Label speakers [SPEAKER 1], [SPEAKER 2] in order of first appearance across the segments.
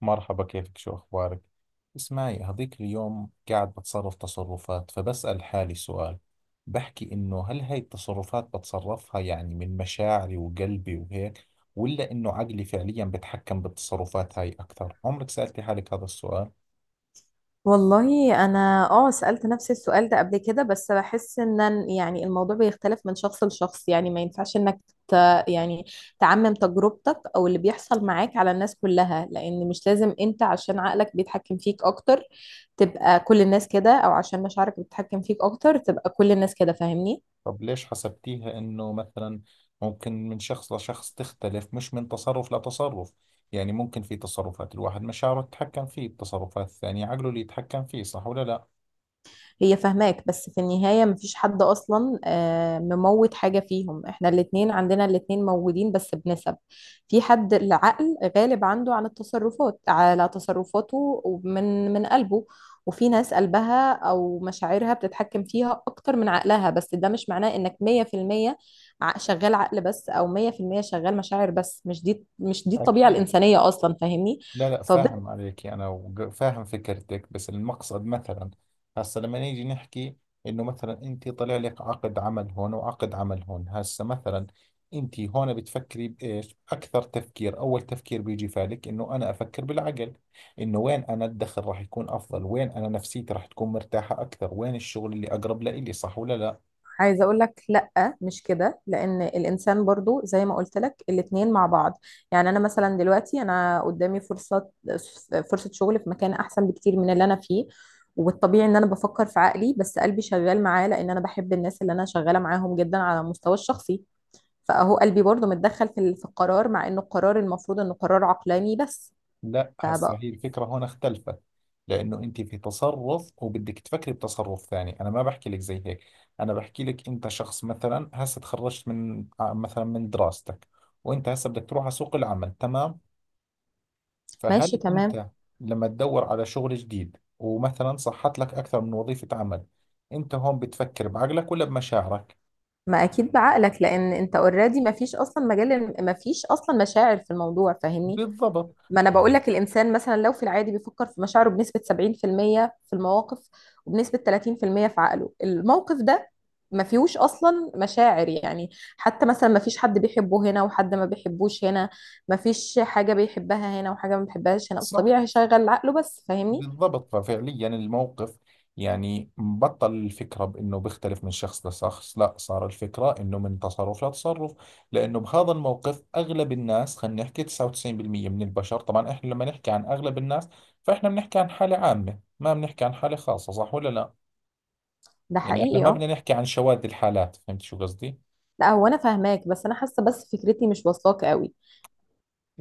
[SPEAKER 1] مرحبا، كيفك؟ شو أخبارك؟ اسمعي، هذيك اليوم قاعد بتصرف تصرفات فبسأل حالي سؤال. بحكي إنه هل هاي التصرفات بتصرفها يعني من مشاعري وقلبي وهيك، ولا إنه عقلي فعليا بتحكم بالتصرفات هاي أكثر؟ عمرك سألتي حالك هذا السؤال؟
[SPEAKER 2] والله انا سألت نفس السؤال ده قبل كده، بس بحس ان يعني الموضوع بيختلف من شخص لشخص. يعني ما ينفعش انك ت يعني تعمم تجربتك او اللي بيحصل معاك على الناس كلها، لان مش لازم انت عشان عقلك بيتحكم فيك اكتر تبقى كل الناس كده، او عشان مشاعرك بتتحكم فيك اكتر تبقى كل الناس كده. فاهمني؟
[SPEAKER 1] طب ليش حسبتيها إنه مثلا ممكن من شخص لشخص تختلف، مش من تصرف لتصرف؟ يعني ممكن في تصرفات الواحد مشاعره تتحكم فيه، التصرفات الثانية عقله اللي يتحكم فيه، صح ولا لا؟
[SPEAKER 2] هي فاهماك، بس في النهاية مفيش حد أصلا، مموت حاجة فيهم. احنا الاتنين، عندنا الاتنين موجودين بس بنسب. في حد العقل غالب عنده عن التصرفات، على تصرفاته ومن قلبه، وفي ناس قلبها أو مشاعرها بتتحكم فيها أكتر من عقلها. بس ده مش معناه إنك 100% شغال عقل بس، أو 100% شغال مشاعر بس. مش دي الطبيعة
[SPEAKER 1] أكيد.
[SPEAKER 2] الإنسانية أصلا. فاهمني؟
[SPEAKER 1] لا، لا فاهم عليك أنا، فاهم فكرتك، بس المقصد مثلا، هسا لما نيجي نحكي إنه مثلا أنت طلع لك عقد عمل هون وعقد عمل هون، هسا مثلا أنت هون بتفكري بإيش أكثر؟ تفكير أول تفكير بيجي فالك إنه أنا أفكر بالعقل، إنه وين أنا الدخل راح يكون أفضل، وين أنا نفسيتي راح تكون مرتاحة أكثر، وين الشغل اللي أقرب لإلي، صح ولا لا؟
[SPEAKER 2] عايزه اقول لك لا، مش كده، لان الانسان برضو زي ما قلت لك الاتنين مع بعض. يعني انا مثلا دلوقتي انا قدامي فرصه شغل في مكان احسن بكتير من اللي انا فيه. والطبيعي ان انا بفكر في عقلي، بس قلبي شغال معاه، لان انا بحب الناس اللي انا شغاله معاهم جدا على المستوى الشخصي. فاهو قلبي برضو متدخل في القرار، مع انه القرار المفروض انه قرار عقلاني بس.
[SPEAKER 1] لا هسه
[SPEAKER 2] فبقى
[SPEAKER 1] هي الفكرة هون اختلفت، لأنه أنت في تصرف وبدك تفكري بتصرف ثاني. أنا ما بحكي لك زي هيك، أنا بحكي لك أنت شخص مثلا هسه تخرجت مثلا من دراستك، وأنت هسه بدك تروح على سوق العمل، تمام؟
[SPEAKER 2] ماشي
[SPEAKER 1] فهل
[SPEAKER 2] تمام.
[SPEAKER 1] أنت لما تدور على شغل جديد ومثلا صحت لك أكثر من وظيفة عمل، أنت هون بتفكر بعقلك ولا بمشاعرك؟
[SPEAKER 2] ما اكيد بعقلك، لان انت اوريدي ما فيش اصلا مجال، ما فيش اصلا مشاعر في الموضوع. فاهمني؟
[SPEAKER 1] بالضبط.
[SPEAKER 2] ما انا بقول
[SPEAKER 1] طيب.
[SPEAKER 2] لك الانسان مثلا لو في العادي بيفكر في مشاعره بنسبة 70% في المية في المواقف، وبنسبة 30% في المية في عقله. الموقف ده ما فيهوش اصلا مشاعر يعني. حتى مثلا ما فيش حد بيحبه هنا وحد ما بيحبوش هنا، ما فيش حاجة بيحبها هنا وحاجة ما بيحبهاش هنا،
[SPEAKER 1] صح،
[SPEAKER 2] فطبيعي هيشغل عقله بس. فاهمني؟
[SPEAKER 1] بالضبط. ففعليا الموقف، يعني بطل الفكرة بأنه بيختلف من شخص لشخص، لا، صار الفكرة أنه من تصرف لتصرف، لأنه بهذا الموقف أغلب الناس، خلينا نحكي 99% من البشر طبعا، إحنا لما نحكي عن أغلب الناس فإحنا بنحكي عن حالة عامة، ما بنحكي عن حالة خاصة، صح ولا لا؟
[SPEAKER 2] ده
[SPEAKER 1] يعني إحنا
[SPEAKER 2] حقيقي،
[SPEAKER 1] ما
[SPEAKER 2] اه.
[SPEAKER 1] بدنا نحكي عن شواذ الحالات، فهمت شو قصدي؟
[SPEAKER 2] لا، هو انا فاهماك، بس انا حاسة بس فكرتي مش واصلاك قوي.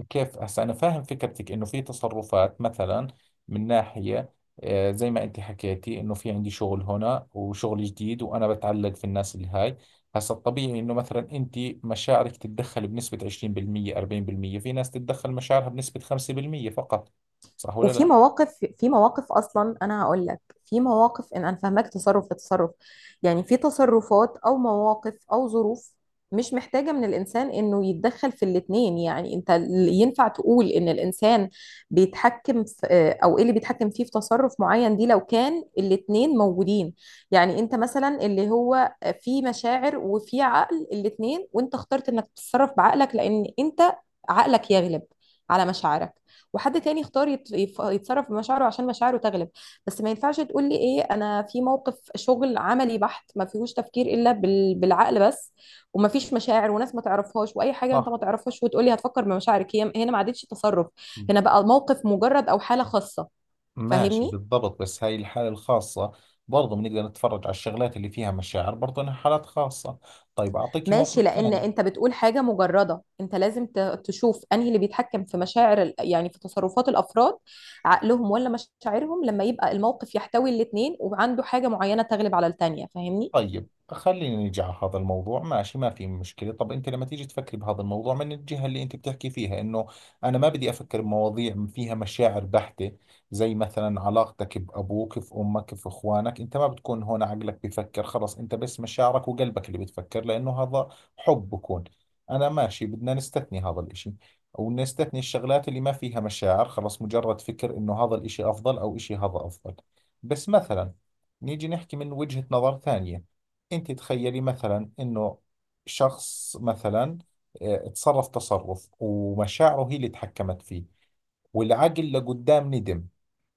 [SPEAKER 1] كيف؟ هسا أنا فاهم فكرتك إنه في تصرفات مثلا من ناحية، زي ما أنت حكيتي إنه في عندي شغل هنا وشغل جديد وأنا بتعلق في الناس اللي هاي. هسا الطبيعي إنه مثلا أنت مشاعرك تتدخل بنسبة 20%، 40%، في ناس تتدخل مشاعرها بنسبة 5% فقط، صح ولا
[SPEAKER 2] وفي
[SPEAKER 1] لا؟
[SPEAKER 2] مواقف في مواقف اصلا انا هقول لك، في مواقف ان انا فاهمك تصرف لتصرف. يعني في تصرفات او مواقف او ظروف مش محتاجة من الإنسان إنه يتدخل في الاتنين. يعني أنت ينفع تقول إن الإنسان بيتحكم في، أو إيه اللي بيتحكم فيه في تصرف معين دي، لو كان الاتنين موجودين. يعني أنت مثلا اللي هو في مشاعر وفي عقل الاتنين، وأنت اخترت إنك تتصرف بعقلك لأن أنت عقلك يغلب على مشاعرك. وحد تاني يختار يتصرف بمشاعره عشان مشاعره تغلب. بس ما ينفعش تقول لي ايه، انا في موقف شغل عملي بحت ما فيهوش تفكير الا بالعقل بس، وما فيش مشاعر، وناس ما تعرفهاش واي حاجه انت
[SPEAKER 1] صح.
[SPEAKER 2] ما تعرفهاش، وتقول لي هتفكر بمشاعرك. هي هنا ما عادتش تصرف،
[SPEAKER 1] م-
[SPEAKER 2] هنا بقى الموقف مجرد او حاله خاصه.
[SPEAKER 1] ماشي،
[SPEAKER 2] فاهمني؟
[SPEAKER 1] بالضبط، بس هاي الحالة الخاصة برضه بنقدر نتفرج على الشغلات اللي فيها مشاعر برضه إنها حالات خاصة. طيب، أعطيك
[SPEAKER 2] ماشي،
[SPEAKER 1] موقف
[SPEAKER 2] لان
[SPEAKER 1] ثاني.
[SPEAKER 2] انت بتقول حاجه مجرده. انت لازم تشوف انهي اللي بيتحكم في مشاعر يعني في تصرفات الافراد، عقلهم ولا مشاعرهم، لما يبقى الموقف يحتوي الاتنين وعنده حاجه معينه تغلب على التانيه. فاهمني؟
[SPEAKER 1] طيب، خلينا نيجي على هذا الموضوع. ماشي، ما في مشكلة. طب أنت لما تيجي تفكري بهذا الموضوع من الجهة اللي أنت بتحكي فيها، إنه أنا ما بدي أفكر بمواضيع فيها مشاعر بحتة، زي مثلا علاقتك بأبوك، في أمك، في إخوانك، أنت ما بتكون هون عقلك بيفكر، خلص أنت بس مشاعرك وقلبك اللي بتفكر، لأنه هذا حب بكون. أنا ماشي بدنا نستثني هذا الإشي، أو نستثني الشغلات اللي ما فيها مشاعر، خلص مجرد فكر إنه هذا الإشي أفضل أو إشي هذا أفضل. بس مثلا نيجي نحكي من وجهة نظر ثانية. انت تخيلي مثلا انه شخص مثلا، تصرف تصرف ومشاعره هي اللي تحكمت فيه، والعقل لقدام ندم،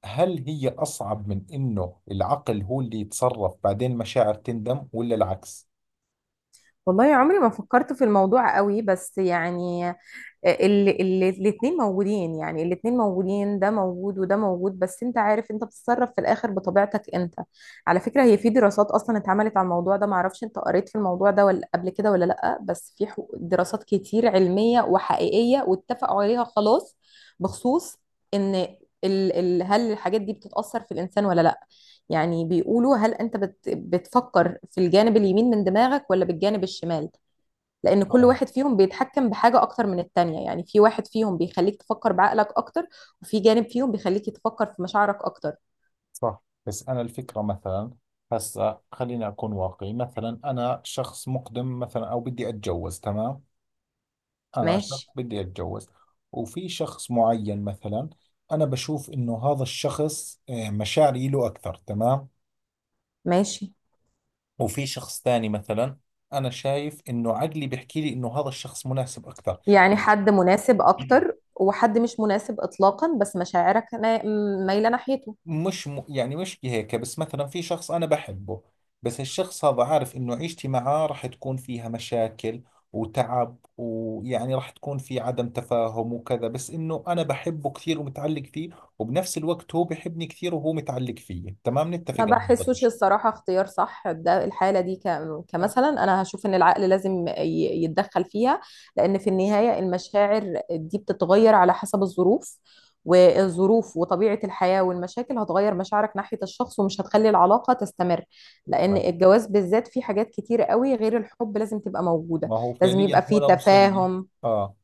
[SPEAKER 1] هل هي اصعب من انه العقل هو اللي يتصرف بعدين مشاعر تندم، ولا العكس؟
[SPEAKER 2] والله عمري ما فكرت في الموضوع قوي، بس يعني الاثنين موجودين. يعني الاثنين موجودين، ده موجود وده موجود، بس انت عارف انت بتتصرف في الاخر بطبيعتك انت. على فكرة، هي في دراسات اصلا اتعملت على الموضوع ده، معرفش انت قريت في الموضوع ده ولا قبل كده ولا لا، بس في دراسات كتير علمية وحقيقية واتفقوا عليها خلاص، بخصوص ان ال ال هل الحاجات دي بتتأثر في الانسان ولا لا. يعني بيقولوا هل انت بتفكر في الجانب اليمين من دماغك ولا بالجانب الشمال، لان كل
[SPEAKER 1] طبعا.
[SPEAKER 2] واحد فيهم بيتحكم بحاجه اكتر من التانية. يعني في واحد فيهم بيخليك تفكر بعقلك اكتر، وفي جانب فيهم بيخليك تفكر في مشاعرك اكتر.
[SPEAKER 1] صح، بس انا الفكرة مثلا، هسا خليني اكون واقعي، مثلا انا شخص مقدم مثلا او بدي اتجوز، تمام؟ انا شخص
[SPEAKER 2] ماشي.
[SPEAKER 1] بدي اتجوز، وفي شخص معين مثلا انا بشوف انه هذا الشخص، مشاعري له اكثر، تمام؟
[SPEAKER 2] ماشي.
[SPEAKER 1] وفي شخص ثاني مثلا انا شايف انه عقلي بيحكي لي انه هذا الشخص مناسب اكثر.
[SPEAKER 2] يعني حد مناسب اكتر وحد مش مناسب اطلاقا، بس مشاعرك مايله ناحيته.
[SPEAKER 1] مش م... يعني مش هيك، بس مثلا في شخص أنا بحبه، بس الشخص هذا عارف إنه عيشتي معاه راح تكون فيها مشاكل وتعب، ويعني راح تكون في عدم تفاهم وكذا، بس إنه أنا بحبه كثير ومتعلق فيه، وبنفس الوقت هو بحبني كثير وهو متعلق فيي، تمام، نتفق
[SPEAKER 2] ما
[SPEAKER 1] على هذا
[SPEAKER 2] بحسوش
[SPEAKER 1] الشيء.
[SPEAKER 2] الصراحة اختيار صح ده، الحالة دي كمثلا أنا هشوف إن العقل لازم يتدخل فيها، لأن في النهاية المشاعر دي بتتغير على حسب الظروف، والظروف وطبيعة الحياة والمشاكل هتغير مشاعرك ناحية الشخص، ومش هتخلي العلاقة تستمر. لأن
[SPEAKER 1] طيب.
[SPEAKER 2] الجواز بالذات فيه حاجات كتير قوي غير الحب لازم تبقى موجودة.
[SPEAKER 1] ما هو
[SPEAKER 2] لازم يبقى
[SPEAKER 1] فعليا هنا
[SPEAKER 2] فيه
[SPEAKER 1] وصلنا.
[SPEAKER 2] تفاهم.
[SPEAKER 1] آه،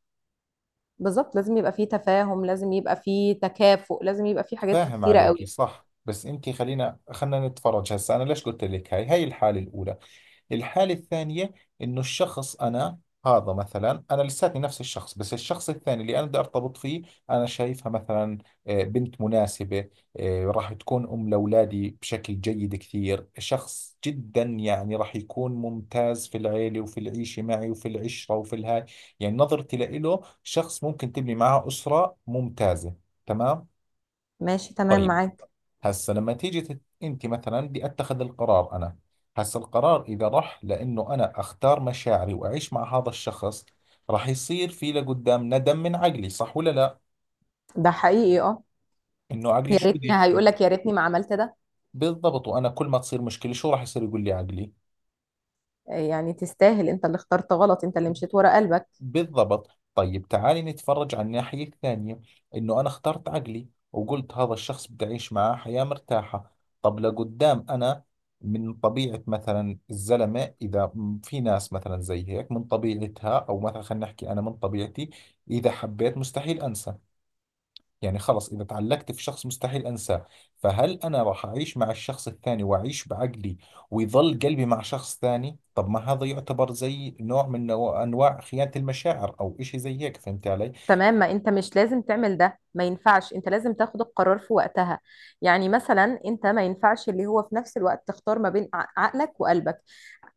[SPEAKER 2] بالظبط، لازم يبقى فيه تفاهم، لازم يبقى فيه تكافؤ، لازم يبقى فيه حاجات
[SPEAKER 1] فاهم
[SPEAKER 2] كتيرة
[SPEAKER 1] عليكي.
[SPEAKER 2] قوي.
[SPEAKER 1] صح، بس أنت خلينا نتفرج. هسا أنا ليش قلت لك هاي؟ هاي الحالة الأولى. الحالة الثانية إنه الشخص أنا، هذا مثلا أنا لساتني نفس الشخص، بس الشخص الثاني اللي أنا بدي أرتبط فيه، أنا شايفها مثلا، بنت مناسبة، راح تكون أم لأولادي بشكل جيد كثير، شخص جدا يعني راح يكون ممتاز في العيلة وفي العيشة معي وفي العشرة وفي الهاي، يعني نظرتي لإله شخص ممكن تبني معه أسرة ممتازة، تمام؟
[SPEAKER 2] ماشي تمام
[SPEAKER 1] طيب،
[SPEAKER 2] معاك.
[SPEAKER 1] هسه لما تيجي انت مثلا، بدي اتخذ القرار انا. هسه القرار اذا راح لانه انا اختار مشاعري واعيش مع هذا الشخص، راح يصير في لقدام ندم من عقلي، صح ولا لا؟
[SPEAKER 2] ده حقيقي، اه.
[SPEAKER 1] انه عقلي
[SPEAKER 2] يا
[SPEAKER 1] شو بده
[SPEAKER 2] ريتني، هيقول
[SPEAKER 1] يحكي.
[SPEAKER 2] لك يا ريتني ما عملت ده.
[SPEAKER 1] بالضبط، وانا كل ما تصير مشكلة شو راح يصير يقول لي عقلي.
[SPEAKER 2] يعني تستاهل، انت اللي اخترت غلط، انت اللي مشيت ورا قلبك.
[SPEAKER 1] بالضبط. طيب تعالي نتفرج على الناحية الثانية، إنه أنا اخترت عقلي وقلت هذا الشخص بدي أعيش معاه حياة مرتاحة. طب لقدام أنا، من طبيعة مثلا الزلمة، في ناس مثلا زي هيك من طبيعتها، أو مثلا خلينا نحكي أنا من طبيعتي، إذا حبيت مستحيل أنسى، يعني خلص إذا تعلقت في شخص مستحيل أنساه، فهل أنا راح أعيش مع الشخص الثاني وأعيش بعقلي ويظل قلبي مع شخص ثاني؟ طب ما هذا يعتبر زي نوع من أنواع خيانة المشاعر، أو إشي زي هيك، فهمت علي؟
[SPEAKER 2] تمام. ما انت مش لازم تعمل ده، ما ينفعش. انت لازم تاخد القرار في وقتها. يعني مثلا انت ما ينفعش اللي هو في نفس الوقت تختار ما بين عقلك وقلبك.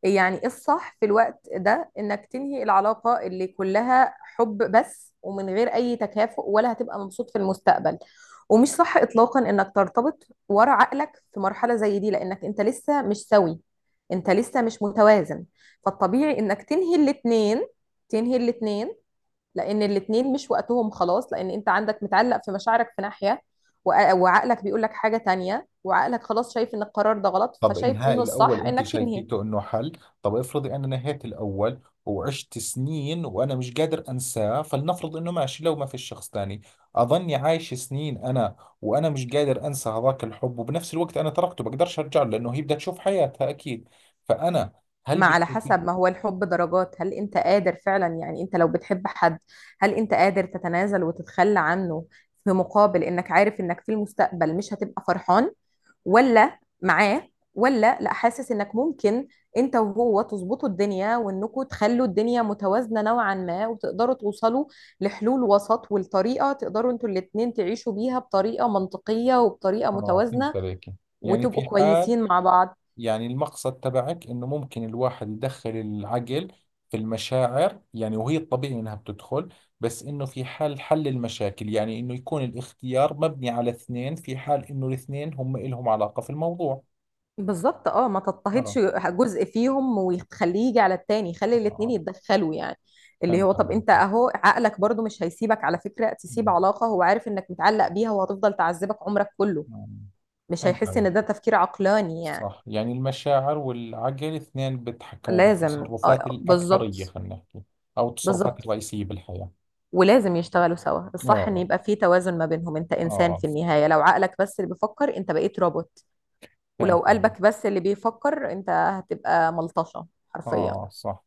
[SPEAKER 2] يعني إيه الصح في الوقت ده؟ انك تنهي العلاقة اللي كلها حب بس ومن غير اي تكافؤ، ولا هتبقى مبسوط في المستقبل. ومش صح اطلاقا انك ترتبط ورا عقلك في مرحلة زي دي، لانك انت لسه مش سوي، انت لسه مش متوازن. فالطبيعي انك تنهي الاتنين، لان الاتنين مش وقتهم خلاص. لان انت عندك متعلق في مشاعرك في ناحية، وعقلك بيقول لك حاجة تانية، وعقلك خلاص شايف ان القرار ده غلط،
[SPEAKER 1] طب
[SPEAKER 2] فشايف
[SPEAKER 1] إنهاء
[SPEAKER 2] ان
[SPEAKER 1] الأول
[SPEAKER 2] الصح
[SPEAKER 1] أنت
[SPEAKER 2] انك تنهي.
[SPEAKER 1] شايفيته إنه حل؟ طب افرضي أنا نهيت الأول، وعشت سنين وأنا مش قادر أنساه، فلنفرض إنه ماشي لو ما في شخص تاني، أظني عايش سنين أنا، وأنا مش قادر أنسى هذاك الحب، وبنفس الوقت أنا تركته بقدرش أرجع له لأنه هي بدها تشوف حياتها أكيد، فأنا، هل
[SPEAKER 2] ما على
[SPEAKER 1] بتشوفي؟
[SPEAKER 2] حسب، ما هو الحب درجات. هل انت قادر فعلا، يعني انت لو بتحب حد، هل انت قادر تتنازل وتتخلى عنه، في مقابل انك عارف انك في المستقبل مش هتبقى فرحان ولا معاه، ولا لا، حاسس انك ممكن انت وهو تظبطوا الدنيا، وانكم تخلوا الدنيا متوازنة نوعا ما، وتقدروا توصلوا لحلول وسط، والطريقة تقدروا انتوا الاتنين تعيشوا بيها بطريقة منطقية وبطريقة
[SPEAKER 1] آه، فهمت
[SPEAKER 2] متوازنة،
[SPEAKER 1] عليك. يعني
[SPEAKER 2] وتبقوا
[SPEAKER 1] في حال،
[SPEAKER 2] كويسين مع بعض.
[SPEAKER 1] يعني المقصد تبعك انه ممكن الواحد يدخل العقل في المشاعر، يعني وهي الطبيعي انها بتدخل، بس انه في حال حل المشاكل، يعني انه يكون الاختيار مبني على اثنين، في حال انه الاثنين هم إلهم علاقة في الموضوع.
[SPEAKER 2] بالظبط، اه. ما تضطهدش
[SPEAKER 1] اه.
[SPEAKER 2] جزء فيهم وتخليه يجي على التاني، خلي الاتنين
[SPEAKER 1] آه،
[SPEAKER 2] يتدخلوا يعني. اللي هو
[SPEAKER 1] فهمت
[SPEAKER 2] طب
[SPEAKER 1] عليك.
[SPEAKER 2] انت، اهو عقلك برضو مش هيسيبك، على فكرة، تسيب
[SPEAKER 1] مم،
[SPEAKER 2] علاقة هو عارف انك متعلق بيها، وهتفضل تعذبك عمرك كله.
[SPEAKER 1] مم،
[SPEAKER 2] مش
[SPEAKER 1] فهمت
[SPEAKER 2] هيحس
[SPEAKER 1] عليك.
[SPEAKER 2] ان ده تفكير عقلاني يعني.
[SPEAKER 1] صح، يعني المشاعر والعقل اثنين بيتحكموا
[SPEAKER 2] لازم،
[SPEAKER 1] بالتصرفات،
[SPEAKER 2] اه،
[SPEAKER 1] الأكثرية
[SPEAKER 2] بالظبط.
[SPEAKER 1] خلينا نحكي، أو التصرفات
[SPEAKER 2] بالظبط،
[SPEAKER 1] الرئيسية بالحياة.
[SPEAKER 2] ولازم يشتغلوا سوا.
[SPEAKER 1] اه،
[SPEAKER 2] الصح ان
[SPEAKER 1] اه،
[SPEAKER 2] يبقى في توازن ما بينهم. انت انسان
[SPEAKER 1] آه،
[SPEAKER 2] في النهاية، لو عقلك بس اللي بيفكر انت بقيت روبوت، ولو
[SPEAKER 1] فهمت يعني.
[SPEAKER 2] قلبك بس اللي بيفكر انت هتبقى ملطشة حرفيا.
[SPEAKER 1] اه، صح.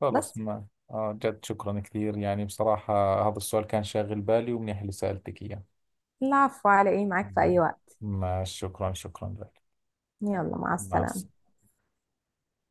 [SPEAKER 1] خلص،
[SPEAKER 2] بس
[SPEAKER 1] ما آه، جد شكرا كثير يعني، بصراحة هذا السؤال كان شاغل بالي ومنيح اللي سألتك إياه.
[SPEAKER 2] العفو، على ايه؟ معاك في اي
[SPEAKER 1] نعم.
[SPEAKER 2] وقت.
[SPEAKER 1] ما شكرا، شكرا لك.
[SPEAKER 2] يلا، مع
[SPEAKER 1] مع
[SPEAKER 2] السلامة.
[SPEAKER 1] السلامة.